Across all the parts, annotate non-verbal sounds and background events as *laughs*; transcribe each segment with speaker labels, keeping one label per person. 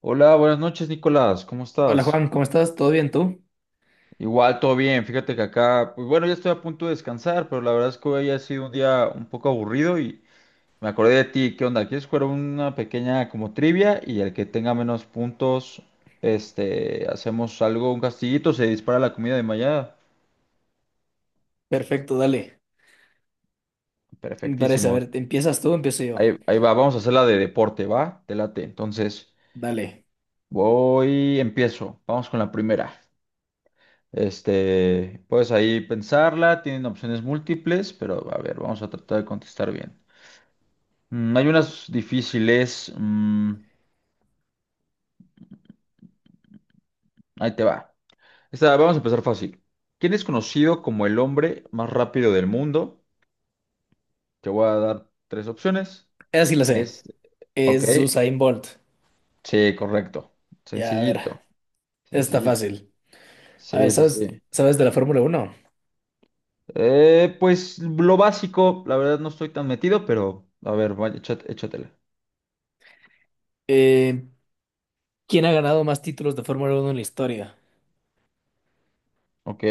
Speaker 1: Hola, buenas noches, Nicolás. ¿Cómo
Speaker 2: Hola
Speaker 1: estás?
Speaker 2: Juan, ¿cómo estás? ¿Todo bien tú?
Speaker 1: Igual, todo bien. Fíjate que acá, pues bueno, ya estoy a punto de descansar, pero la verdad es que hoy ha sido un día un poco aburrido y me acordé de ti. ¿Qué onda? ¿Quieres jugar una pequeña como trivia y el que tenga menos puntos, este, hacemos algo, un castillito, se dispara la comida de mañana?
Speaker 2: Perfecto, dale. Me parece, a
Speaker 1: Perfectísimo.
Speaker 2: ver, ¿te ¿empiezas tú o empiezo yo?
Speaker 1: Ahí va, vamos a hacer la de deporte, ¿va? Te late. Entonces,
Speaker 2: Dale.
Speaker 1: voy, empiezo. Vamos con la primera. Este, puedes ahí pensarla, tienen opciones múltiples, pero a ver, vamos a tratar de contestar bien. Hay unas difíciles. Ahí te va. Esta, vamos a empezar fácil. ¿Quién es conocido como el hombre más rápido del mundo? Te voy a dar tres opciones.
Speaker 2: Esa sí la sé.
Speaker 1: Es, ok,
Speaker 2: Es Usain Bolt.
Speaker 1: sí, correcto.
Speaker 2: Ya, a ver,
Speaker 1: Sencillito,
Speaker 2: está
Speaker 1: sencillito.
Speaker 2: fácil. A ver,
Speaker 1: Sí, sí,
Speaker 2: ¿sabes,
Speaker 1: sí.
Speaker 2: sabes de la Fórmula Uno?
Speaker 1: Pues lo básico, la verdad no estoy tan metido, pero a ver, vaya, échatela.
Speaker 2: Eh, ¿Quién ha ganado más títulos de Fórmula Uno en la historia?
Speaker 1: Ok.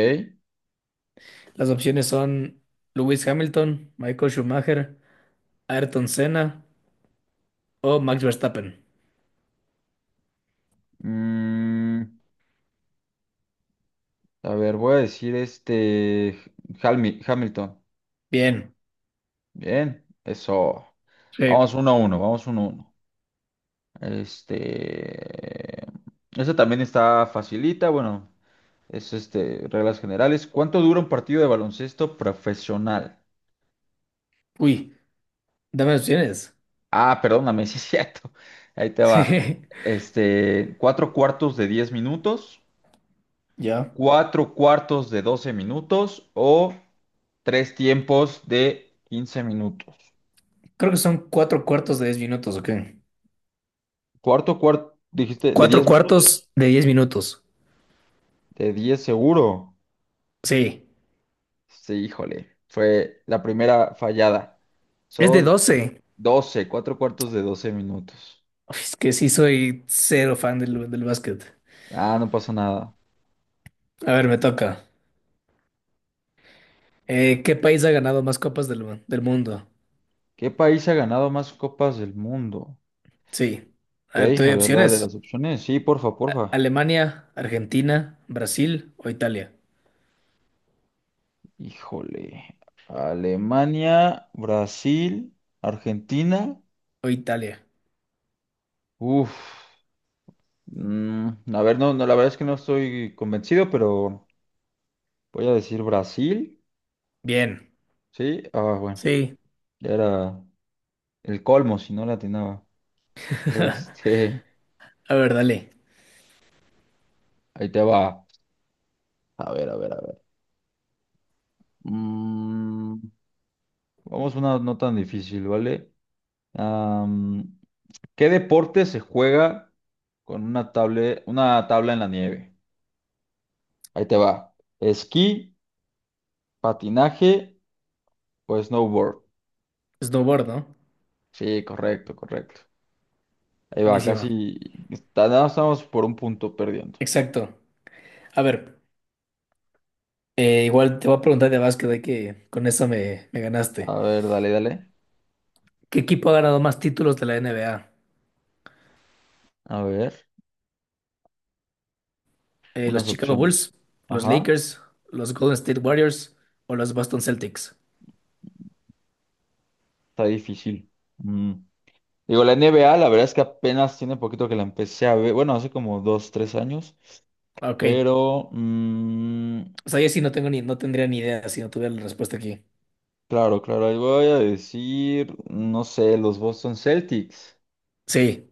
Speaker 2: Las opciones son Lewis Hamilton, Michael Schumacher, Ayrton Senna o Max Verstappen.
Speaker 1: Mm, A ver, voy a decir este Hamilton.
Speaker 2: Bien.
Speaker 1: Bien, eso.
Speaker 2: Sí.
Speaker 1: Vamos uno a uno, vamos uno a uno. Este. Esa también está facilita, bueno, es este, reglas generales. ¿Cuánto dura un partido de baloncesto profesional?
Speaker 2: Uy, dame opciones. *laughs*
Speaker 1: Ah, perdóname, *laughs* sí es cierto. Ahí te va.
Speaker 2: Sí.
Speaker 1: Este, cuatro cuartos de 10 minutos,
Speaker 2: Ya.
Speaker 1: cuatro cuartos de 12 minutos o tres tiempos de 15 minutos.
Speaker 2: Creo que son cuatro cuartos de 10 minutos, ¿ok?
Speaker 1: Cuarto, cuarto, dijiste, de
Speaker 2: Cuatro
Speaker 1: 10 minutos,
Speaker 2: cuartos de diez minutos.
Speaker 1: de 10 seguro.
Speaker 2: Sí.
Speaker 1: Sí, híjole, fue la primera fallada.
Speaker 2: Es de
Speaker 1: Son
Speaker 2: doce.
Speaker 1: 12 cuatro cuartos de 12 minutos.
Speaker 2: Es que sí soy cero fan del básquet.
Speaker 1: Ah, no pasa nada.
Speaker 2: A ver, me toca. ¿Qué país ha ganado más copas del mundo?
Speaker 1: ¿Qué país ha ganado más copas del mundo?
Speaker 2: Sí. A ver,
Speaker 1: Ok,
Speaker 2: te
Speaker 1: a
Speaker 2: doy
Speaker 1: ver, dale
Speaker 2: opciones.
Speaker 1: las opciones. Sí, porfa, porfa.
Speaker 2: Alemania, Argentina, Brasil o Italia.
Speaker 1: Híjole. Alemania, Brasil, Argentina.
Speaker 2: O Italia.
Speaker 1: Uf. mm, a ver, no, no, la verdad es que no estoy convencido, pero voy a decir Brasil.
Speaker 2: Bien.
Speaker 1: Sí, ah, bueno,
Speaker 2: Sí.
Speaker 1: ya era el colmo si no la atinaba.
Speaker 2: *laughs*
Speaker 1: Este,
Speaker 2: A ver, dale.
Speaker 1: *laughs* ahí te va. A ver, a ver, a ver. Mm, Vamos a una no tan difícil, ¿vale? Am, ¿Qué deporte se juega con una tabla en la nieve? Ahí te va. ¿Esquí, patinaje o snowboard?
Speaker 2: Snowboard, ¿no?
Speaker 1: Sí, correcto, correcto. Ahí va,
Speaker 2: Buenísima.
Speaker 1: casi nada más estamos por un punto perdiendo.
Speaker 2: Exacto. A ver, igual te voy a preguntar de básquet, de que con eso me ganaste.
Speaker 1: A ver, dale, dale.
Speaker 2: ¿Qué equipo ha ganado más títulos de la NBA?
Speaker 1: A ver,
Speaker 2: Los
Speaker 1: unas
Speaker 2: Chicago
Speaker 1: opciones.
Speaker 2: Bulls, los
Speaker 1: Ajá.
Speaker 2: Lakers, los Golden State Warriors o los Boston Celtics.
Speaker 1: Está difícil. Mm. Digo, la NBA, la verdad es que apenas tiene poquito que la empecé a ver. Bueno, hace como dos, tres años.
Speaker 2: Ah, ok.
Speaker 1: Pero,
Speaker 2: O sea, yo sí no tengo ni, no tendría ni idea si no tuviera la respuesta aquí.
Speaker 1: claro, claro, ahí voy a decir, no sé, los Boston Celtics.
Speaker 2: Sí.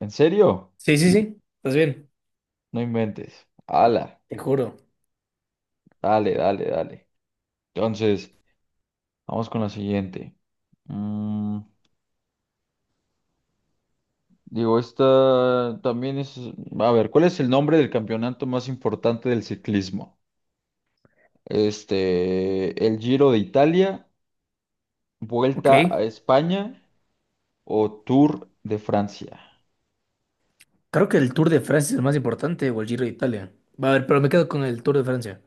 Speaker 1: ¿En serio?
Speaker 2: Sí, sí, sí. Estás bien.
Speaker 1: No inventes. Ala,
Speaker 2: Te juro.
Speaker 1: dale, dale, dale. Entonces, vamos con la siguiente. Mm, Digo, esta también es. A ver, ¿cuál es el nombre del campeonato más importante del ciclismo? Este, el Giro de Italia,
Speaker 2: Ok.
Speaker 1: Vuelta a España o Tour de Francia.
Speaker 2: Creo que el Tour de Francia es el más importante o el Giro de Italia. Va a ver, pero me quedo con el Tour de Francia.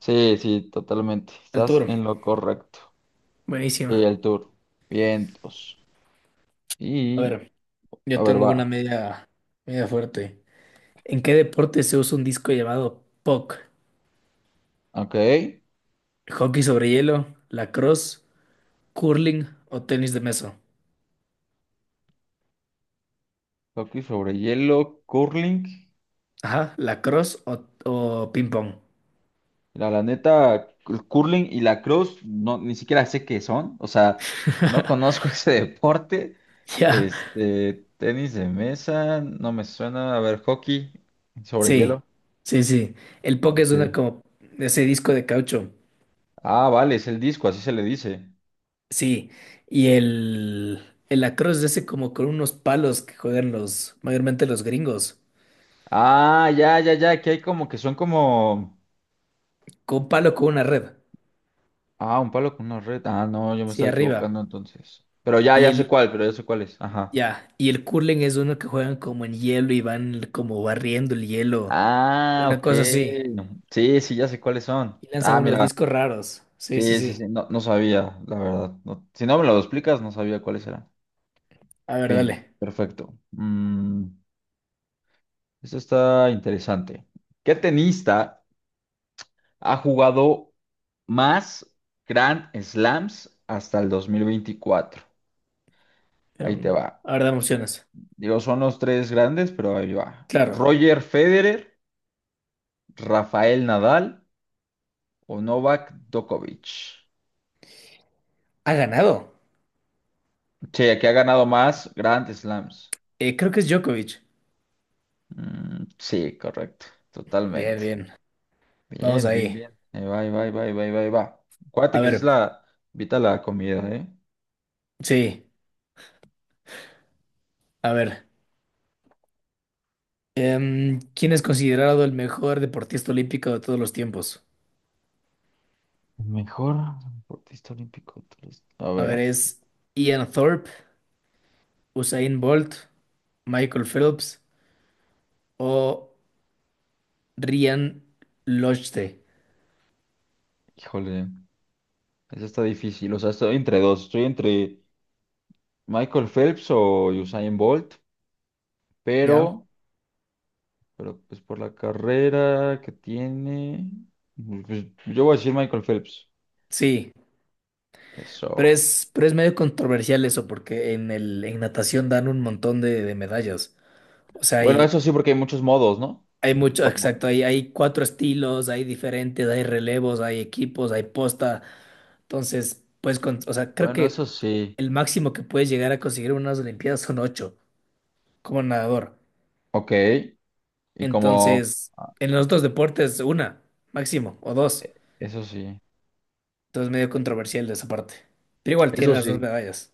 Speaker 1: Sí, sí, totalmente.
Speaker 2: El
Speaker 1: Estás
Speaker 2: Tour.
Speaker 1: en lo correcto. Y
Speaker 2: Buenísima.
Speaker 1: el Tour. Vientos.
Speaker 2: A
Speaker 1: Y,
Speaker 2: ver, yo
Speaker 1: a ver,
Speaker 2: tengo una
Speaker 1: va.
Speaker 2: media fuerte. ¿En qué deporte se usa un disco llamado puck?
Speaker 1: Ok.
Speaker 2: ¿Hockey sobre hielo, lacrosse, curling o tenis de mesa?
Speaker 1: Hockey sobre hielo, curling.
Speaker 2: Ajá, lacrosse o ping pong. *laughs*
Speaker 1: La neta, el curling y la cross, no, ni siquiera sé qué son. O sea, no conozco *laughs* ese deporte.
Speaker 2: Ya,
Speaker 1: Este, tenis de mesa, no me suena. A ver, hockey sobre
Speaker 2: sí,
Speaker 1: hielo.
Speaker 2: sí, sí. El poke es
Speaker 1: Ok.
Speaker 2: una como ese disco de caucho.
Speaker 1: Ah, vale, es el disco, así se le dice.
Speaker 2: Sí, y el lacrosse es ese como con unos palos que juegan los, mayormente los gringos.
Speaker 1: Ah, ya, ya, ya, que hay como que son como...
Speaker 2: Con un palo con una red.
Speaker 1: Ah, un palo con una red. Ah, no, yo me
Speaker 2: Sí,
Speaker 1: estaba
Speaker 2: arriba.
Speaker 1: equivocando entonces. Pero ya,
Speaker 2: Y
Speaker 1: ya sé
Speaker 2: el,
Speaker 1: cuál, pero ya sé cuál es. Ajá.
Speaker 2: ya, y el curling es uno que juegan como en hielo y van como barriendo el hielo.
Speaker 1: Ah,
Speaker 2: Una
Speaker 1: ok.
Speaker 2: cosa así.
Speaker 1: Sí, sí, ya sé cuáles son.
Speaker 2: Y lanzan
Speaker 1: Ah,
Speaker 2: unos
Speaker 1: mira.
Speaker 2: discos raros. Sí, sí,
Speaker 1: Sí, sí,
Speaker 2: sí.
Speaker 1: sí, no, no sabía, la verdad. Si no me lo explicas, no sabía cuáles eran.
Speaker 2: A ver,
Speaker 1: Bien,
Speaker 2: dale.
Speaker 1: perfecto. Esto está interesante. ¿Qué tenista ha jugado más Grand Slams hasta el 2024?
Speaker 2: Em,
Speaker 1: Ahí te va.
Speaker 2: a ver, dame opciones.
Speaker 1: Digo, son los tres grandes, pero ahí va.
Speaker 2: Claro.
Speaker 1: Roger Federer, Rafael Nadal o Novak Djokovic.
Speaker 2: Ha ganado.
Speaker 1: Sí, aquí ha ganado más Grand Slams.
Speaker 2: Creo que es Djokovic.
Speaker 1: Sí, correcto,
Speaker 2: Bien,
Speaker 1: totalmente.
Speaker 2: bien. Vamos
Speaker 1: Bien, bien,
Speaker 2: ahí.
Speaker 1: bien. Ahí va, ahí va, ahí va, ahí va, ahí va. Ahí va. Acuérdate
Speaker 2: A
Speaker 1: que es
Speaker 2: ver,
Speaker 1: la... Invita la comida, ¿eh?
Speaker 2: sí, a ver. ¿Quién es considerado el mejor deportista olímpico de todos los tiempos?
Speaker 1: Mejor deportista olímpico. Tú. A
Speaker 2: A ver,
Speaker 1: ver,
Speaker 2: ¿es Ian Thorpe, Usain Bolt, Michael Phelps o Ryan Lochte?
Speaker 1: híjole, eso está difícil. O sea, estoy entre dos. Estoy entre Michael Phelps o Usain Bolt,
Speaker 2: ¿Ya?
Speaker 1: pero Pero pues por la carrera que tiene, pues, yo voy a decir Michael Phelps.
Speaker 2: Sí, pero
Speaker 1: Eso.
Speaker 2: es, pero es medio controversial eso porque en natación dan un montón de medallas. O sea,
Speaker 1: Bueno, eso
Speaker 2: hay,
Speaker 1: sí, porque hay muchos modos, ¿no?
Speaker 2: Hay mucho,
Speaker 1: Como-
Speaker 2: exacto, hay cuatro estilos, hay diferentes, hay relevos, hay equipos, hay posta. Entonces, pues, con, o sea, creo
Speaker 1: Bueno, eso
Speaker 2: que
Speaker 1: sí.
Speaker 2: el máximo que puedes llegar a conseguir en unas Olimpiadas son ocho como nadador.
Speaker 1: Ok. Y como...
Speaker 2: Entonces,
Speaker 1: ah,
Speaker 2: en los otros deportes, una, máximo, o dos.
Speaker 1: e- Eso sí.
Speaker 2: Entonces, medio controversial de esa parte. Pero igual tiene
Speaker 1: Eso
Speaker 2: las dos
Speaker 1: sí.
Speaker 2: medallas.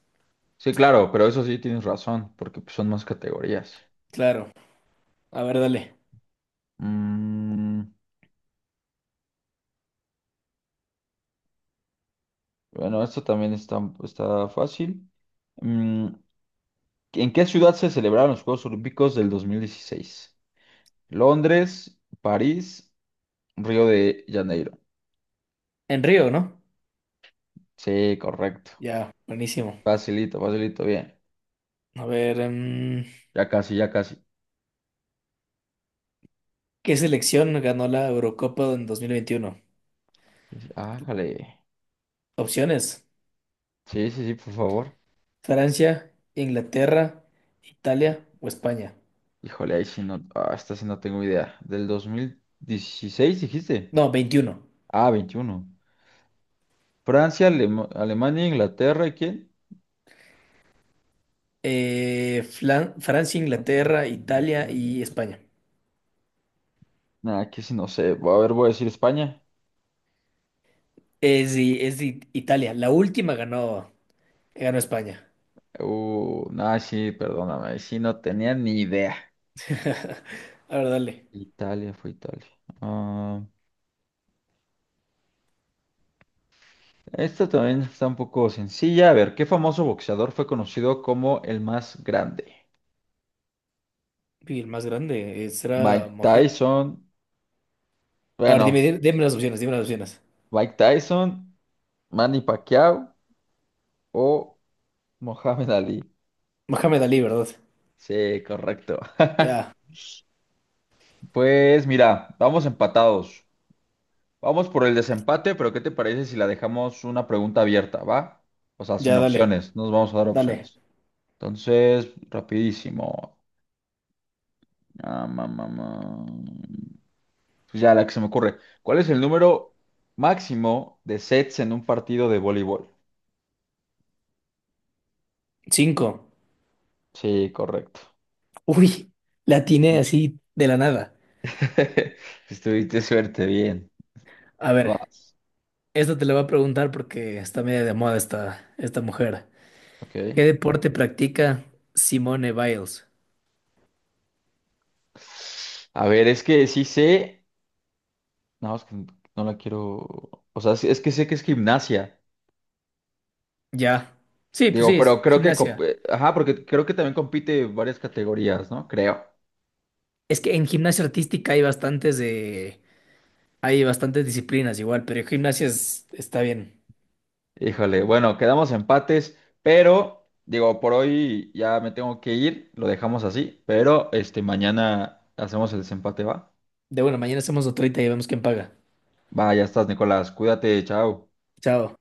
Speaker 1: Sí, claro, pero eso sí tienes razón, porque pues, son más categorías.
Speaker 2: Claro. A ver, dale.
Speaker 1: Mm, bueno, esto también está fácil. Mm, ¿En qué ciudad se celebraron los Juegos Olímpicos del 2016? ¿Londres, París, Río de Janeiro?
Speaker 2: En Río, ¿no?
Speaker 1: Sí, correcto.
Speaker 2: Ya, buenísimo.
Speaker 1: Facilito, facilito, bien.
Speaker 2: A ver,
Speaker 1: Ya casi, ya casi.
Speaker 2: ¿qué selección ganó la Eurocopa en 2021?
Speaker 1: Ájale.
Speaker 2: Opciones.
Speaker 1: Sí, sí, sí, por favor.
Speaker 2: Francia, Inglaterra, Italia o España.
Speaker 1: Híjole, ahí sí no. Ah, esta sí no tengo idea. Del 2016 dijiste.
Speaker 2: No, veintiuno.
Speaker 1: Ah, 21. Francia, Alemania, Inglaterra, ¿y quién?
Speaker 2: Francia,
Speaker 1: Francia,
Speaker 2: Inglaterra, Italia
Speaker 1: Inglaterra.
Speaker 2: y España.
Speaker 1: Nah, aquí sí no sé. A ver, voy a decir España.
Speaker 2: Es de Italia. La última ganó, España.
Speaker 1: Nah, sí, perdóname. Ahí sí no tenía ni idea.
Speaker 2: A ver, dale.
Speaker 1: Italia fue Italia. Ah, esta también está un poco sencilla. A ver, ¿qué famoso boxeador fue conocido como el más grande?
Speaker 2: Y el más grande será
Speaker 1: Mike
Speaker 2: Moja.
Speaker 1: Tyson,
Speaker 2: A ver, dime,
Speaker 1: bueno,
Speaker 2: di- dime las opciones, dime las opciones.
Speaker 1: Mike Tyson, Manny Pacquiao o Mohamed Ali.
Speaker 2: Mohamed Ali, ¿verdad?
Speaker 1: Sí, correcto.
Speaker 2: Ya,
Speaker 1: *laughs* Pues mira, vamos empatados. Vamos por el desempate, pero ¿qué te parece si la dejamos una pregunta abierta, va? O sea, sin
Speaker 2: ya, dale,
Speaker 1: opciones, no nos vamos a dar
Speaker 2: dale.
Speaker 1: opciones. Entonces, rapidísimo. Ah, ma, ma, ma. Pues ya la que se me ocurre. ¿Cuál es el número máximo de sets en un partido de voleibol?
Speaker 2: Cinco.
Speaker 1: Sí, correcto.
Speaker 2: Uy, la atiné
Speaker 1: Sí.
Speaker 2: así de la nada.
Speaker 1: *laughs* Estuviste suerte, bien.
Speaker 2: A ver,
Speaker 1: Vas.
Speaker 2: esta te la voy a preguntar porque está media de moda esta mujer. ¿Qué
Speaker 1: Ok.
Speaker 2: deporte practica Simone Biles?
Speaker 1: A ver, es que sí sé. No, es que no la quiero. O sea, es que sé que es gimnasia.
Speaker 2: Ya. Sí, pues sí,
Speaker 1: Digo,
Speaker 2: es
Speaker 1: pero creo que.
Speaker 2: gimnasia.
Speaker 1: Ajá, porque creo que también compite varias categorías, ¿no? Creo.
Speaker 2: Es que en gimnasia artística hay bastantes disciplinas igual, pero en gimnasia está bien.
Speaker 1: Híjole, bueno, quedamos empates, pero digo, por hoy ya me tengo que ir, lo dejamos así, pero este mañana hacemos el desempate, ¿va?
Speaker 2: De bueno, mañana hacemos otra y vemos quién paga.
Speaker 1: Va, ya estás, Nicolás, cuídate, chao.
Speaker 2: Chao.